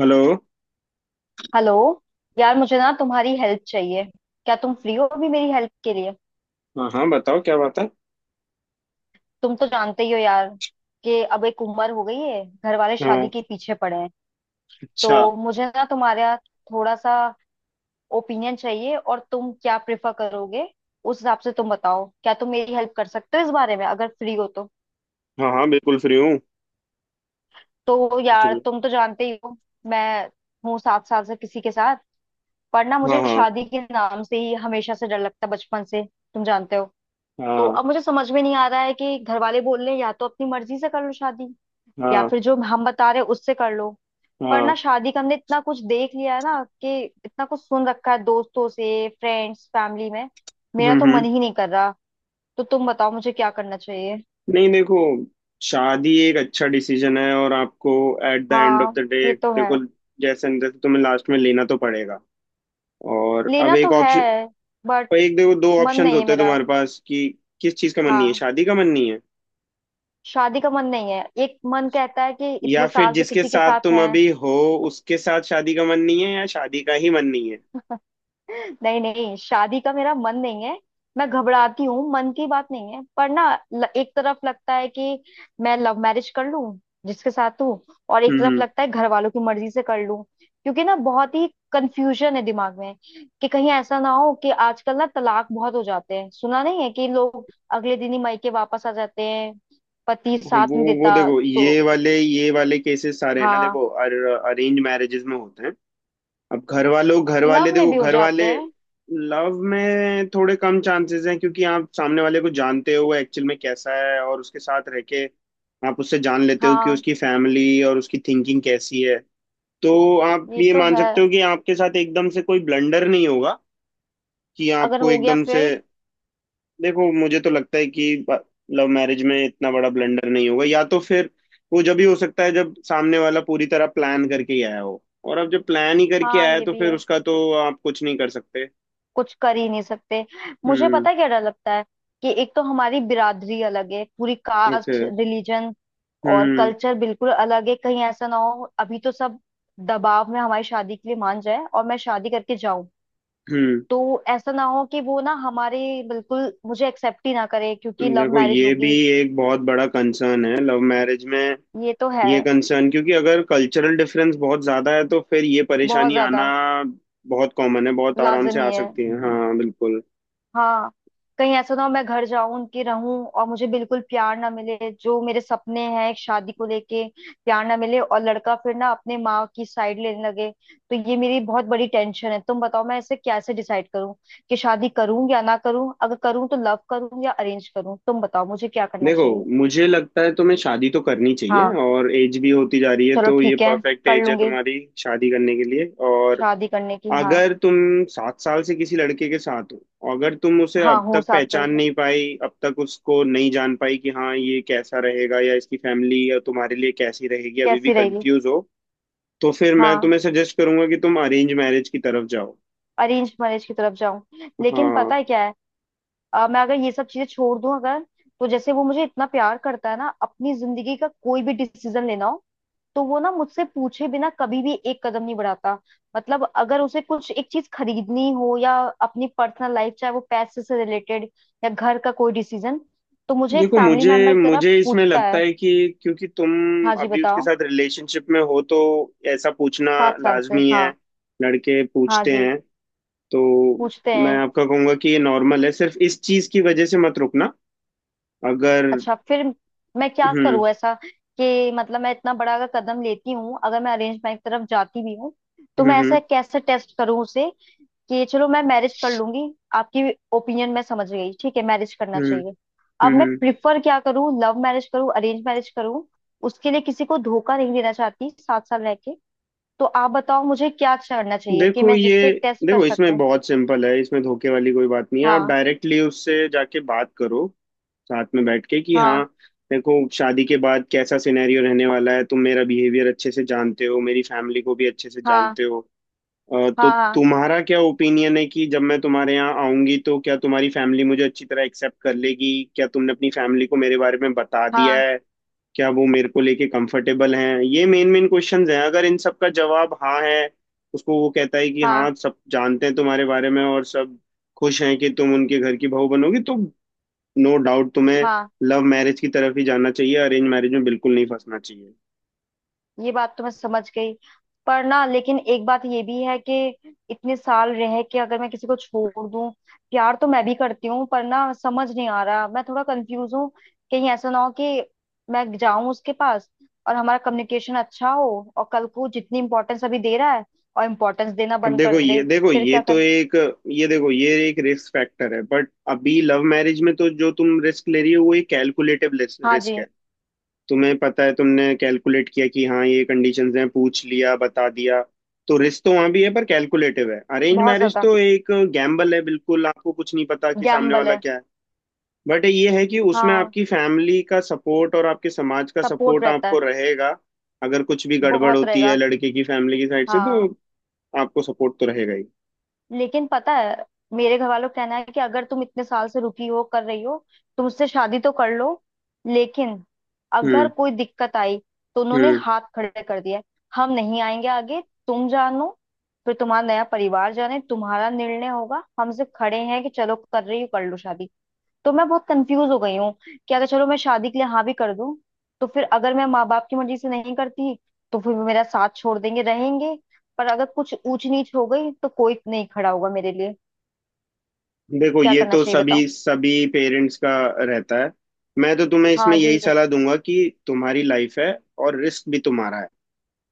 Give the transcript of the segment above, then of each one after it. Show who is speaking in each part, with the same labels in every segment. Speaker 1: Hello.
Speaker 2: Hello. यार, मुझे ना तुम्हारी हेल्प चाहिए। क्या तुम फ्री हो अभी मेरी हेल्प के लिए?
Speaker 1: हाँ हाँ, बताओ क्या बात है।
Speaker 2: तुम तो जानते ही हो यार कि अब एक उम्र हो गई है, घर वाले शादी
Speaker 1: हाँ।
Speaker 2: के पीछे पड़े हैं।
Speaker 1: अच्छा।
Speaker 2: तो मुझे ना तुम्हारा थोड़ा सा ओपिनियन चाहिए, और तुम क्या प्रेफर करोगे उस हिसाब से तुम बताओ। क्या तुम मेरी हेल्प कर सकते हो इस बारे में अगर फ्री हो तो?
Speaker 1: हाँ हाँ, बिल्कुल फ्री हूँ।
Speaker 2: तो
Speaker 1: कुछ
Speaker 2: यार,
Speaker 1: भी।
Speaker 2: तुम तो जानते ही हो मैं हूँ 7 साल से किसी के साथ। पर ना
Speaker 1: हाँ।
Speaker 2: मुझे
Speaker 1: हाँ।
Speaker 2: शादी के नाम से ही हमेशा से डर लगता है बचपन से, तुम जानते हो। तो
Speaker 1: हाँ।
Speaker 2: अब मुझे समझ में नहीं आ रहा है कि घर वाले बोल रहे हैं या तो अपनी मर्जी से कर लो शादी, या
Speaker 1: हाँ।
Speaker 2: फिर जो हम बता रहे हैं उससे कर लो। पर
Speaker 1: हाँ।
Speaker 2: ना शादी का हमने इतना कुछ देख लिया है ना, कि इतना कुछ सुन रखा है दोस्तों से, फ्रेंड्स फैमिली में। मेरा
Speaker 1: हम्म
Speaker 2: तो मन
Speaker 1: हम्म
Speaker 2: ही नहीं कर रहा। तो तुम बताओ मुझे क्या करना चाहिए।
Speaker 1: नहीं, देखो, शादी एक अच्छा डिसीजन है, और आपको एट द एंड ऑफ
Speaker 2: हाँ,
Speaker 1: द डे
Speaker 2: ये तो है।
Speaker 1: देखो, जैसे न तैसे तुम्हें लास्ट में लेना तो पड़ेगा। और अब
Speaker 2: लेना
Speaker 1: एक
Speaker 2: तो है
Speaker 1: ऑप्शन,
Speaker 2: बट
Speaker 1: एक देखो, दो
Speaker 2: मन
Speaker 1: ऑप्शंस
Speaker 2: नहीं है
Speaker 1: होते हैं
Speaker 2: मेरा।
Speaker 1: तुम्हारे पास कि किस चीज़ का मन नहीं है?
Speaker 2: हाँ,
Speaker 1: शादी का मन नहीं है,
Speaker 2: शादी का मन नहीं है। एक मन कहता है कि
Speaker 1: या
Speaker 2: इतने
Speaker 1: फिर
Speaker 2: साल से
Speaker 1: जिसके
Speaker 2: किसी के
Speaker 1: साथ
Speaker 2: साथ
Speaker 1: तुम
Speaker 2: है।
Speaker 1: अभी हो उसके साथ शादी का मन नहीं है, या शादी का ही मन नहीं है?
Speaker 2: नहीं नहीं, शादी का मेरा मन नहीं है। मैं घबराती हूँ, मन की बात नहीं है पर ना एक तरफ लगता है कि मैं लव मैरिज कर लूं जिसके साथ हूँ, और एक
Speaker 1: हम्म
Speaker 2: तरफ
Speaker 1: हम्म।
Speaker 2: लगता है घर वालों की मर्जी से कर लूं क्योंकि ना बहुत ही कंफ्यूजन है दिमाग में। कि कहीं ऐसा ना हो कि आजकल ना तलाक बहुत हो जाते हैं, सुना नहीं है कि लोग अगले दिन ही मायके वापस आ जाते हैं, पति साथ
Speaker 1: वो
Speaker 2: नहीं
Speaker 1: वो
Speaker 2: देता।
Speaker 1: देखो,
Speaker 2: तो
Speaker 1: ये वाले केसेस सारे हैं ना,
Speaker 2: हाँ,
Speaker 1: देखो, अरेंज मैरिजेस में होते हैं। अब घर
Speaker 2: लव
Speaker 1: वाले
Speaker 2: में
Speaker 1: देखो,
Speaker 2: भी हो
Speaker 1: घर
Speaker 2: जाते
Speaker 1: वाले
Speaker 2: हैं।
Speaker 1: लव में थोड़े कम चांसेस हैं क्योंकि आप सामने वाले को जानते हो वो एक्चुअल में कैसा है, और उसके साथ रह के आप उससे जान लेते हो कि
Speaker 2: हाँ,
Speaker 1: उसकी फैमिली और उसकी थिंकिंग कैसी है। तो आप
Speaker 2: ये
Speaker 1: ये
Speaker 2: तो
Speaker 1: मान
Speaker 2: है।
Speaker 1: सकते हो कि आपके साथ एकदम से कोई ब्लंडर नहीं होगा कि
Speaker 2: अगर
Speaker 1: आपको
Speaker 2: हो गया
Speaker 1: एकदम से।
Speaker 2: फिर?
Speaker 1: देखो, मुझे तो लगता है कि लव मैरिज में इतना बड़ा ब्लंडर नहीं होगा, या तो फिर वो जब ही हो सकता है जब सामने वाला पूरी तरह प्लान करके ही आया हो। और अब जब प्लान ही करके
Speaker 2: हाँ,
Speaker 1: आया है,
Speaker 2: ये
Speaker 1: तो
Speaker 2: भी
Speaker 1: फिर
Speaker 2: है।
Speaker 1: उसका तो आप कुछ नहीं कर सकते।
Speaker 2: कुछ कर ही नहीं सकते। मुझे
Speaker 1: हम्म।
Speaker 2: पता है क्या डर लगता है। कि एक तो हमारी बिरादरी अलग है, पूरी
Speaker 1: ओके।
Speaker 2: कास्ट रिलीजन और
Speaker 1: हम्म
Speaker 2: कल्चर बिल्कुल अलग है। कहीं ऐसा ना हो अभी तो सब दबाव में हमारी शादी के लिए मान जाए और मैं शादी करके जाऊं,
Speaker 1: हम्म।
Speaker 2: तो ऐसा ना हो कि वो ना हमारे बिल्कुल मुझे एक्सेप्ट ही ना करे क्योंकि लव
Speaker 1: देखो,
Speaker 2: मैरिज
Speaker 1: ये भी
Speaker 2: होगी।
Speaker 1: एक बहुत बड़ा कंसर्न है लव मैरिज में,
Speaker 2: ये तो है।
Speaker 1: ये कंसर्न, क्योंकि अगर कल्चरल डिफरेंस बहुत ज्यादा है तो फिर ये
Speaker 2: बहुत
Speaker 1: परेशानी आना
Speaker 2: ज्यादा
Speaker 1: बहुत कॉमन है, बहुत आराम से
Speaker 2: लाजमी
Speaker 1: आ
Speaker 2: है।
Speaker 1: सकती है। हाँ, बिल्कुल।
Speaker 2: हाँ। कहीं ऐसा ना हो मैं घर जाऊं उनके रहूं और मुझे बिल्कुल प्यार ना मिले जो मेरे सपने हैं एक शादी को लेके। प्यार ना मिले और लड़का फिर ना अपने माँ की साइड लेने लगे। तो ये मेरी बहुत बड़ी टेंशन है, तुम बताओ मैं इसे कैसे डिसाइड करूं कि शादी करूं या ना करूं? अगर करूं तो लव करूं या अरेंज करूं? तुम बताओ मुझे क्या करना
Speaker 1: देखो,
Speaker 2: चाहिए।
Speaker 1: मुझे लगता है तुम्हें शादी तो करनी चाहिए,
Speaker 2: हाँ,
Speaker 1: और एज भी होती जा रही है,
Speaker 2: चलो
Speaker 1: तो ये
Speaker 2: ठीक है,
Speaker 1: परफेक्ट
Speaker 2: कर
Speaker 1: एज है
Speaker 2: लूंगी
Speaker 1: तुम्हारी शादी करने के लिए। और
Speaker 2: शादी करने की, हाँ।
Speaker 1: अगर तुम 7 साल से किसी लड़के के साथ हो, अगर तुम उसे
Speaker 2: हाँ,
Speaker 1: अब
Speaker 2: हूँ
Speaker 1: तक
Speaker 2: 7 साल
Speaker 1: पहचान
Speaker 2: से।
Speaker 1: नहीं पाई, अब तक उसको नहीं जान पाई कि हाँ ये कैसा रहेगा या इसकी फैमिली या तुम्हारे लिए कैसी रहेगी, अभी भी
Speaker 2: कैसी रहेगी?
Speaker 1: कंफ्यूज हो, तो फिर मैं
Speaker 2: हाँ,
Speaker 1: तुम्हें सजेस्ट करूंगा कि तुम अरेंज मैरिज की तरफ जाओ।
Speaker 2: अरेंज मैरिज की तरफ जाऊं। लेकिन
Speaker 1: हाँ।
Speaker 2: पता है क्या है, मैं अगर ये सब चीजें छोड़ दूं अगर, तो जैसे वो मुझे इतना प्यार करता है ना, अपनी जिंदगी का कोई भी डिसीजन लेना हो तो वो ना मुझसे पूछे बिना कभी भी एक कदम नहीं बढ़ाता। मतलब अगर उसे कुछ एक चीज खरीदनी हो या अपनी पर्सनल लाइफ, चाहे वो पैसे से रिलेटेड या घर का कोई डिसीजन, तो मुझे एक
Speaker 1: देखो,
Speaker 2: फैमिली
Speaker 1: मुझे
Speaker 2: मेंबर की तरह
Speaker 1: मुझे इसमें
Speaker 2: पूछता
Speaker 1: लगता
Speaker 2: है।
Speaker 1: है कि क्योंकि तुम
Speaker 2: हाँ जी,
Speaker 1: अभी उसके
Speaker 2: बताओ।
Speaker 1: साथ रिलेशनशिप में हो तो ऐसा पूछना
Speaker 2: 7 साल से,
Speaker 1: लाजमी
Speaker 2: हाँ।
Speaker 1: है, लड़के
Speaker 2: हाँ
Speaker 1: पूछते
Speaker 2: जी,
Speaker 1: हैं। तो
Speaker 2: पूछते
Speaker 1: मैं
Speaker 2: हैं।
Speaker 1: आपका कहूंगा कि ये नॉर्मल है, सिर्फ इस चीज की वजह से मत रुकना अगर।
Speaker 2: अच्छा, फिर मैं क्या
Speaker 1: हम्म
Speaker 2: करूँ ऐसा कि मतलब मैं इतना बड़ा अगर कदम लेती हूँ, अगर मैं अरेंज मैरिज की तरफ जाती भी हूँ, तो
Speaker 1: हम्म
Speaker 2: मैं ऐसा
Speaker 1: हम्म
Speaker 2: कैसे टेस्ट करूँ उसे कि चलो मैं मैरिज कर लूंगी। आपकी ओपिनियन मैं समझ गई, ठीक है, मैरिज करना
Speaker 1: हम्म
Speaker 2: चाहिए। अब
Speaker 1: हम्म
Speaker 2: मैं
Speaker 1: हम्म।
Speaker 2: प्रिफर क्या करूँ, लव मैरिज करूँ अरेंज मैरिज करूँ? उसके लिए किसी को धोखा नहीं देना चाहती 7 साल रह के। तो आप बताओ मुझे क्या करना चाहिए कि
Speaker 1: देखो
Speaker 2: मैं जिससे
Speaker 1: ये
Speaker 2: टेस्ट कर
Speaker 1: देखो इसमें
Speaker 2: सकूँ।
Speaker 1: बहुत सिंपल है, इसमें धोखे वाली कोई बात नहीं है, आप
Speaker 2: हाँ,
Speaker 1: डायरेक्टली उससे जाके बात करो, साथ में बैठ के कि हाँ
Speaker 2: हाँ,
Speaker 1: देखो शादी के बाद कैसा सिनेरियो रहने वाला है, तुम मेरा बिहेवियर अच्छे से जानते हो, मेरी फैमिली को भी अच्छे से
Speaker 2: हाँ,
Speaker 1: जानते हो, तो
Speaker 2: हाँ, हाँ,
Speaker 1: तुम्हारा क्या ओपिनियन है कि जब मैं तुम्हारे यहाँ आऊंगी तो क्या तुम्हारी फैमिली मुझे अच्छी तरह एक्सेप्ट कर लेगी, क्या तुमने अपनी फैमिली को मेरे बारे में बता दिया
Speaker 2: हाँ,
Speaker 1: है, क्या वो मेरे को लेके कंफर्टेबल हैं। ये मेन मेन क्वेश्चंस हैं। अगर इन सब का जवाब हाँ है, उसको वो कहता है कि
Speaker 2: हाँ,
Speaker 1: हाँ सब जानते हैं तुम्हारे बारे में और सब खुश हैं कि तुम उनके घर की बहू बनोगी, तो नो डाउट तुम्हें
Speaker 2: हाँ।
Speaker 1: लव मैरिज की तरफ ही जाना चाहिए, अरेंज मैरिज में बिल्कुल नहीं फंसना चाहिए।
Speaker 2: ये बात तो मैं समझ गई। पर ना, लेकिन एक बात ये भी है कि इतने साल रह के अगर मैं किसी को छोड़ दूं। प्यार तो मैं भी करती हूँ पर ना समझ नहीं आ रहा, मैं थोड़ा कंफ्यूज हूँ। कहीं ऐसा ना हो कि मैं जाऊं उसके पास और हमारा कम्युनिकेशन अच्छा हो, और कल को जितनी इंपॉर्टेंस अभी दे रहा है और इम्पोर्टेंस देना
Speaker 1: अब
Speaker 2: बंद
Speaker 1: देखो,
Speaker 2: कर दे,
Speaker 1: ये देखो
Speaker 2: फिर
Speaker 1: ये
Speaker 2: क्या
Speaker 1: तो
Speaker 2: कर?
Speaker 1: एक ये देखो ये एक रिस्क फैक्टर है, बट अभी लव मैरिज में तो जो तुम रिस्क ले रही हो वो एक कैलकुलेटिव
Speaker 2: हाँ
Speaker 1: रिस्क
Speaker 2: जी।
Speaker 1: है। तुम्हें पता है, तुमने कैलकुलेट किया कि हाँ ये कंडीशंस हैं, पूछ लिया बता दिया। तो रिस्क तो वहां भी है, पर कैलकुलेटिव है। अरेंज
Speaker 2: बहुत
Speaker 1: मैरिज
Speaker 2: ज्यादा
Speaker 1: तो एक गैम्बल है बिल्कुल, आपको कुछ नहीं पता कि सामने
Speaker 2: गैम्बल
Speaker 1: वाला
Speaker 2: है।
Speaker 1: क्या है। बट ये है कि उसमें
Speaker 2: हाँ,
Speaker 1: आपकी फैमिली का सपोर्ट और आपके समाज का
Speaker 2: सपोर्ट
Speaker 1: सपोर्ट
Speaker 2: रहता
Speaker 1: आपको
Speaker 2: है।
Speaker 1: रहेगा। अगर कुछ भी गड़बड़
Speaker 2: बहुत
Speaker 1: होती है
Speaker 2: रहेगा।
Speaker 1: लड़के की फैमिली की साइड से, तो
Speaker 2: हाँ।
Speaker 1: आपको सपोर्ट तो रहेगा ही।
Speaker 2: लेकिन पता है, मेरे घर वालों का कहना है कि अगर तुम इतने साल से रुकी हो कर रही हो, तुम उससे शादी तो कर लो, लेकिन अगर
Speaker 1: हम्म।
Speaker 2: कोई दिक्कत आई तो उन्होंने
Speaker 1: हम्म।
Speaker 2: हाथ खड़े कर दिया है। हम नहीं आएंगे आगे, तुम जानो, फिर तुम्हारा नया परिवार जाने, तुम्हारा निर्णय होगा, हमसे खड़े हैं कि चलो कर रही हो कर लो शादी। तो मैं बहुत कंफ्यूज हो गई हूँ कि अगर चलो मैं शादी के लिए हाँ भी कर दूं, तो फिर अगर मैं माँ बाप की मर्जी से नहीं करती तो फिर वो मेरा साथ छोड़ देंगे, रहेंगे पर अगर कुछ ऊंच नीच हो गई तो कोई नहीं खड़ा होगा मेरे लिए।
Speaker 1: देखो
Speaker 2: क्या
Speaker 1: ये
Speaker 2: करना
Speaker 1: तो
Speaker 2: चाहिए बताओ।
Speaker 1: सभी सभी पेरेंट्स का रहता है। मैं तो तुम्हें
Speaker 2: हाँ
Speaker 1: इसमें यही
Speaker 2: जी।
Speaker 1: सलाह दूंगा कि तुम्हारी लाइफ है, और रिस्क भी तुम्हारा है,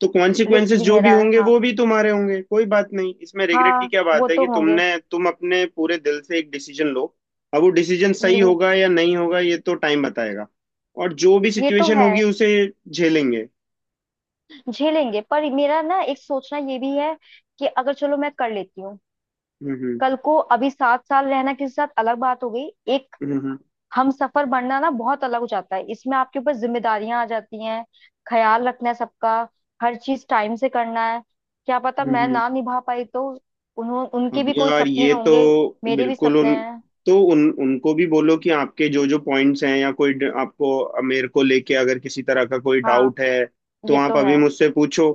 Speaker 1: तो
Speaker 2: रिस्क
Speaker 1: कॉन्सिक्वेंसेस
Speaker 2: भी
Speaker 1: जो भी
Speaker 2: मेरा है,
Speaker 1: होंगे
Speaker 2: हाँ।
Speaker 1: वो भी तुम्हारे होंगे। कोई बात नहीं, इसमें रिग्रेट की
Speaker 2: हाँ,
Speaker 1: क्या
Speaker 2: वो
Speaker 1: बात है
Speaker 2: तो
Speaker 1: कि
Speaker 2: होंगे।
Speaker 1: तुमने, तुम अपने पूरे दिल से एक डिसीजन लो। अब वो डिसीजन सही
Speaker 2: लूं।
Speaker 1: होगा या नहीं होगा ये तो टाइम बताएगा, और जो भी
Speaker 2: ये तो
Speaker 1: सिचुएशन
Speaker 2: है।
Speaker 1: होगी उसे झेलेंगे।
Speaker 2: झेलेंगे पर मेरा ना एक सोचना ये भी है कि अगर चलो मैं कर लेती हूँ,
Speaker 1: हम्म हम्म
Speaker 2: कल को, अभी 7 साल रहना किसी के साथ अलग बात हो गई, एक
Speaker 1: हम्म हम्म
Speaker 2: हम सफर बनना ना बहुत अलग हो जाता है। इसमें आपके ऊपर जिम्मेदारियां आ जाती हैं, ख्याल रखना है सबका, हर चीज टाइम से करना है। क्या पता
Speaker 1: हम्म,
Speaker 2: मैं
Speaker 1: हम्म।
Speaker 2: ना निभा पाई तो? उन्हों उनके
Speaker 1: अब
Speaker 2: भी कोई
Speaker 1: यार
Speaker 2: सपने
Speaker 1: ये तो
Speaker 2: होंगे, मेरे भी
Speaker 1: बिल्कुल
Speaker 2: सपने
Speaker 1: उन,
Speaker 2: हैं।
Speaker 1: तो उन उनको भी बोलो कि आपके जो जो पॉइंट्स हैं या कोई आपको मेरे को लेके अगर किसी तरह का कोई
Speaker 2: हाँ,
Speaker 1: डाउट है तो
Speaker 2: ये
Speaker 1: आप
Speaker 2: तो है।
Speaker 1: अभी मुझसे पूछो।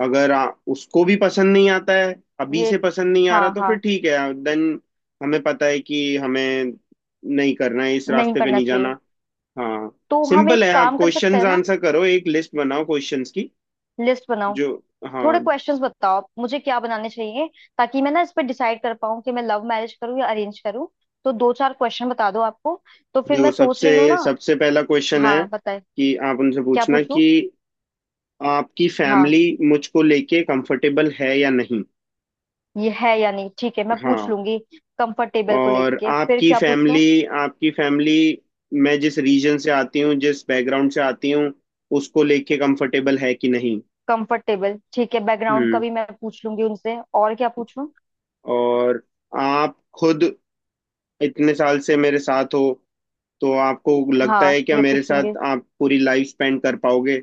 Speaker 1: अगर उसको भी पसंद नहीं आता है, अभी
Speaker 2: ये,
Speaker 1: से पसंद नहीं आ रहा,
Speaker 2: हाँ,
Speaker 1: तो फिर
Speaker 2: हाँ,
Speaker 1: ठीक है, देन हमें पता है कि हमें नहीं करना है, इस
Speaker 2: नहीं
Speaker 1: रास्ते पे
Speaker 2: करना
Speaker 1: नहीं
Speaker 2: चाहिए।
Speaker 1: जाना। हाँ।
Speaker 2: तो हम एक
Speaker 1: सिंपल है, आप
Speaker 2: काम कर सकते
Speaker 1: क्वेश्चंस
Speaker 2: हैं ना,
Speaker 1: आंसर करो, एक लिस्ट बनाओ क्वेश्चंस की,
Speaker 2: लिस्ट बनाओ।
Speaker 1: जो। हाँ।
Speaker 2: थोड़े क्वेश्चंस बताओ आप, मुझे क्या बनाने चाहिए ताकि मैं ना इस पर डिसाइड कर पाऊँ कि मैं लव मैरिज करूँ या अरेंज करूँ। तो दो चार क्वेश्चन बता दो आपको, तो फिर
Speaker 1: देखो
Speaker 2: मैं सोच
Speaker 1: सबसे
Speaker 2: रही हूँ ना।
Speaker 1: सबसे पहला क्वेश्चन है
Speaker 2: हाँ बताइए,
Speaker 1: कि आप उनसे
Speaker 2: क्या
Speaker 1: पूछना
Speaker 2: पूछूं?
Speaker 1: कि आपकी
Speaker 2: हाँ,
Speaker 1: फैमिली मुझको लेके कंफर्टेबल है या नहीं।
Speaker 2: ये है या नहीं, ठीक है मैं पूछ
Speaker 1: हाँ।
Speaker 2: लूंगी। कंफर्ट टेबल को
Speaker 1: और
Speaker 2: लेके, फिर क्या पूछूं?
Speaker 1: आपकी फैमिली, मैं जिस रीजन से आती हूँ, जिस बैकग्राउंड से आती हूँ, उसको लेके कंफर्टेबल है कि नहीं।
Speaker 2: कंफर्ट टेबल, ठीक है, बैकग्राउंड का
Speaker 1: हम्म।
Speaker 2: भी मैं पूछ लूंगी उनसे। और क्या पूछूं?
Speaker 1: और आप खुद इतने साल से मेरे साथ हो, तो आपको लगता
Speaker 2: हाँ,
Speaker 1: है क्या
Speaker 2: ये
Speaker 1: मेरे
Speaker 2: पूछूंगी।
Speaker 1: साथ आप पूरी लाइफ स्पेंड कर पाओगे?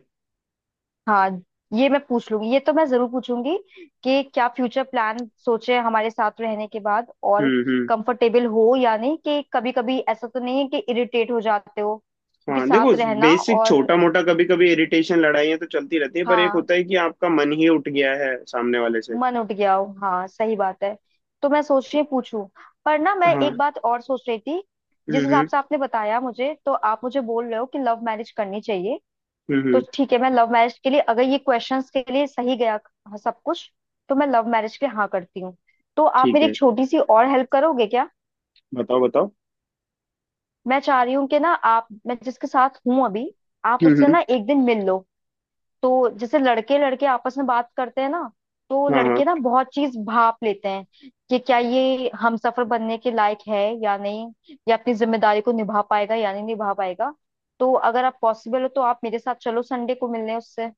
Speaker 2: हाँ, ये मैं पूछ लूंगी, ये तो मैं जरूर पूछूंगी कि क्या फ्यूचर प्लान सोचे हमारे साथ रहने के बाद, और
Speaker 1: हम्म हम्म,
Speaker 2: कंफर्टेबल हो या नहीं, कि कभी कभी ऐसा तो नहीं है कि इरिटेट हो जाते हो क्योंकि
Speaker 1: हाँ देखो,
Speaker 2: साथ रहना
Speaker 1: बेसिक
Speaker 2: और।
Speaker 1: छोटा मोटा कभी कभी इरिटेशन, लड़ाइयाँ तो चलती रहती है, पर एक
Speaker 2: हाँ,
Speaker 1: होता है कि आपका मन ही उठ गया है सामने वाले से।
Speaker 2: मन उठ गया हो, हाँ सही बात है। तो मैं सोच रही पूछूं। पर ना मैं
Speaker 1: हाँ।
Speaker 2: एक बात और सोच रही थी,
Speaker 1: हम्म
Speaker 2: जिस हिसाब
Speaker 1: हम्म
Speaker 2: से आपने बताया मुझे तो आप मुझे बोल रहे हो कि लव मैरिज करनी चाहिए,
Speaker 1: हम्म
Speaker 2: तो
Speaker 1: हम्म,
Speaker 2: ठीक है मैं लव मैरिज के लिए अगर ये क्वेश्चंस के लिए सही गया, हाँ, सब कुछ, तो मैं लव मैरिज के लिए हाँ करती हूँ। तो आप
Speaker 1: ठीक
Speaker 2: मेरी
Speaker 1: है,
Speaker 2: एक छोटी सी और हेल्प करोगे क्या?
Speaker 1: बताओ बताओ।
Speaker 2: मैं चाह रही हूँ कि ना आप, मैं जिसके साथ हूँ अभी, आप
Speaker 1: हम्म
Speaker 2: उससे ना
Speaker 1: हम्म
Speaker 2: एक दिन मिल लो। तो जैसे लड़के लड़के आपस में बात करते हैं ना, तो
Speaker 1: हाँ हाँ,
Speaker 2: लड़के ना बहुत चीज भाप लेते हैं कि क्या ये हमसफर बनने के लायक है या नहीं, या अपनी जिम्मेदारी को निभा पाएगा या नहीं निभा पाएगा। तो अगर आप पॉसिबल हो तो आप मेरे साथ चलो संडे को मिलने उससे।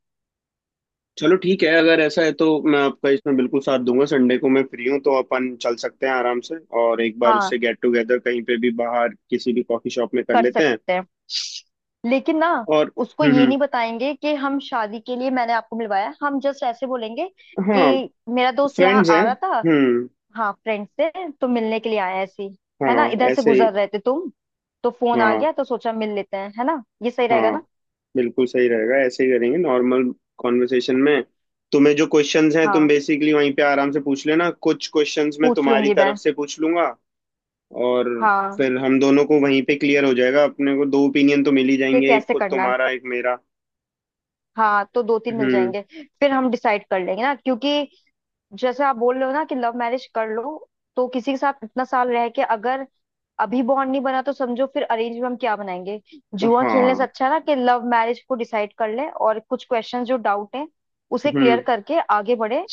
Speaker 1: चलो ठीक है, अगर ऐसा है तो मैं आपका इसमें बिल्कुल साथ दूंगा। संडे को मैं फ्री हूँ, तो अपन चल सकते हैं आराम से। और एक बार
Speaker 2: हाँ,
Speaker 1: उससे गेट टुगेदर कहीं पे भी बाहर किसी भी कॉफी शॉप में कर
Speaker 2: कर
Speaker 1: लेते हैं।
Speaker 2: सकते हैं। लेकिन ना,
Speaker 1: और
Speaker 2: उसको ये
Speaker 1: हम्म।
Speaker 2: नहीं बताएंगे कि हम शादी के लिए मैंने आपको मिलवाया है। हम जस्ट ऐसे बोलेंगे
Speaker 1: हम्म। हाँ,
Speaker 2: कि मेरा दोस्त यहाँ
Speaker 1: फ्रेंड्स हैं।
Speaker 2: आ रहा था,
Speaker 1: हम्म।
Speaker 2: हाँ, फ्रेंड से तो मिलने के लिए आया ऐसी, है ना,
Speaker 1: हाँ,
Speaker 2: इधर से
Speaker 1: ऐसे ही।
Speaker 2: गुजर रहे थे तुम, तो फोन आ
Speaker 1: हाँ।
Speaker 2: गया तो सोचा मिल लेते हैं, है ना, ये सही रहेगा
Speaker 1: हाँ,
Speaker 2: ना?
Speaker 1: बिल्कुल सही रहेगा, ऐसे ही करेंगे नॉर्मल कॉन्वर्सेशन में। तुम्हें जो क्वेश्चंस हैं तुम
Speaker 2: हाँ,
Speaker 1: बेसिकली वहीं पे आराम से पूछ लेना, कुछ क्वेश्चंस मैं
Speaker 2: पूछ
Speaker 1: तुम्हारी
Speaker 2: लूंगी मैं।
Speaker 1: तरफ से पूछ लूंगा। और
Speaker 2: हाँ,
Speaker 1: फिर हम दोनों को वहीं पे क्लियर हो जाएगा, अपने को दो ओपिनियन तो मिल ही
Speaker 2: कि
Speaker 1: जाएंगे, एक
Speaker 2: कैसे
Speaker 1: को
Speaker 2: करना है।
Speaker 1: तुम्हारा एक मेरा।
Speaker 2: हाँ, तो दो तीन मिल
Speaker 1: हम्म।
Speaker 2: जाएंगे, फिर हम डिसाइड कर लेंगे ना, क्योंकि जैसे आप बोल रहे हो ना कि लव मैरिज कर लो, तो किसी के साथ इतना साल रह के अगर अभी बॉन्ड नहीं बना तो समझो फिर अरेंज में हम क्या बनाएंगे। जुआ खेलने से
Speaker 1: हाँ।
Speaker 2: अच्छा ना कि लव मैरिज को डिसाइड कर ले और कुछ क्वेश्चन जो डाउट है उसे क्लियर
Speaker 1: हम्म।
Speaker 2: करके आगे बढ़े।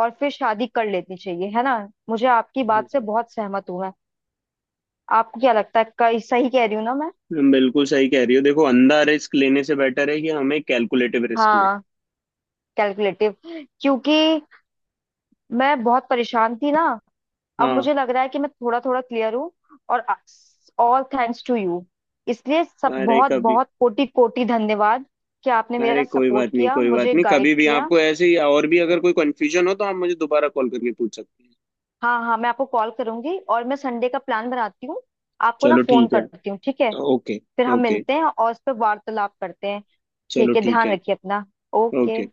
Speaker 2: और फिर शादी कर लेनी चाहिए, है ना। मुझे आपकी बात से बहुत सहमत हूं मैं। आपको क्या लगता है, कई सही कह रही हूँ ना मैं?
Speaker 1: बिल्कुल सही कह रही हो, देखो अंधा रिस्क लेने से बेटर है कि हम एक कैलकुलेटिव रिस्क लें।
Speaker 2: हाँ, कैलकुलेटिव, क्योंकि मैं बहुत परेशान थी ना, अब
Speaker 1: हाँ।
Speaker 2: मुझे लग रहा है कि मैं थोड़ा थोड़ा क्लियर हूँ। और ऑल थैंक्स टू यू, इसलिए सब
Speaker 1: अरे
Speaker 2: बहुत
Speaker 1: कभी।
Speaker 2: बहुत कोटि कोटि धन्यवाद कि आपने मेरा
Speaker 1: अरे कोई
Speaker 2: सपोर्ट
Speaker 1: बात नहीं,
Speaker 2: किया,
Speaker 1: कोई बात
Speaker 2: मुझे
Speaker 1: नहीं,
Speaker 2: गाइड
Speaker 1: कभी भी
Speaker 2: किया।
Speaker 1: आपको ऐसे ही और भी अगर कोई कंफ्यूजन हो तो आप मुझे दोबारा कॉल करके पूछ सकते हैं।
Speaker 2: हाँ हाँ, मैं आपको कॉल करूंगी, और मैं संडे का प्लान बनाती हूँ, आपको ना
Speaker 1: चलो
Speaker 2: फोन
Speaker 1: ठीक है,
Speaker 2: करती हूँ, ठीक है।
Speaker 1: तो ओके।
Speaker 2: फिर हम
Speaker 1: ओके,
Speaker 2: मिलते हैं और इस पर वार्तालाप करते हैं।
Speaker 1: चलो
Speaker 2: ठीक है,
Speaker 1: ठीक
Speaker 2: ध्यान
Speaker 1: है।
Speaker 2: रखिए अपना। ओके।
Speaker 1: ओके।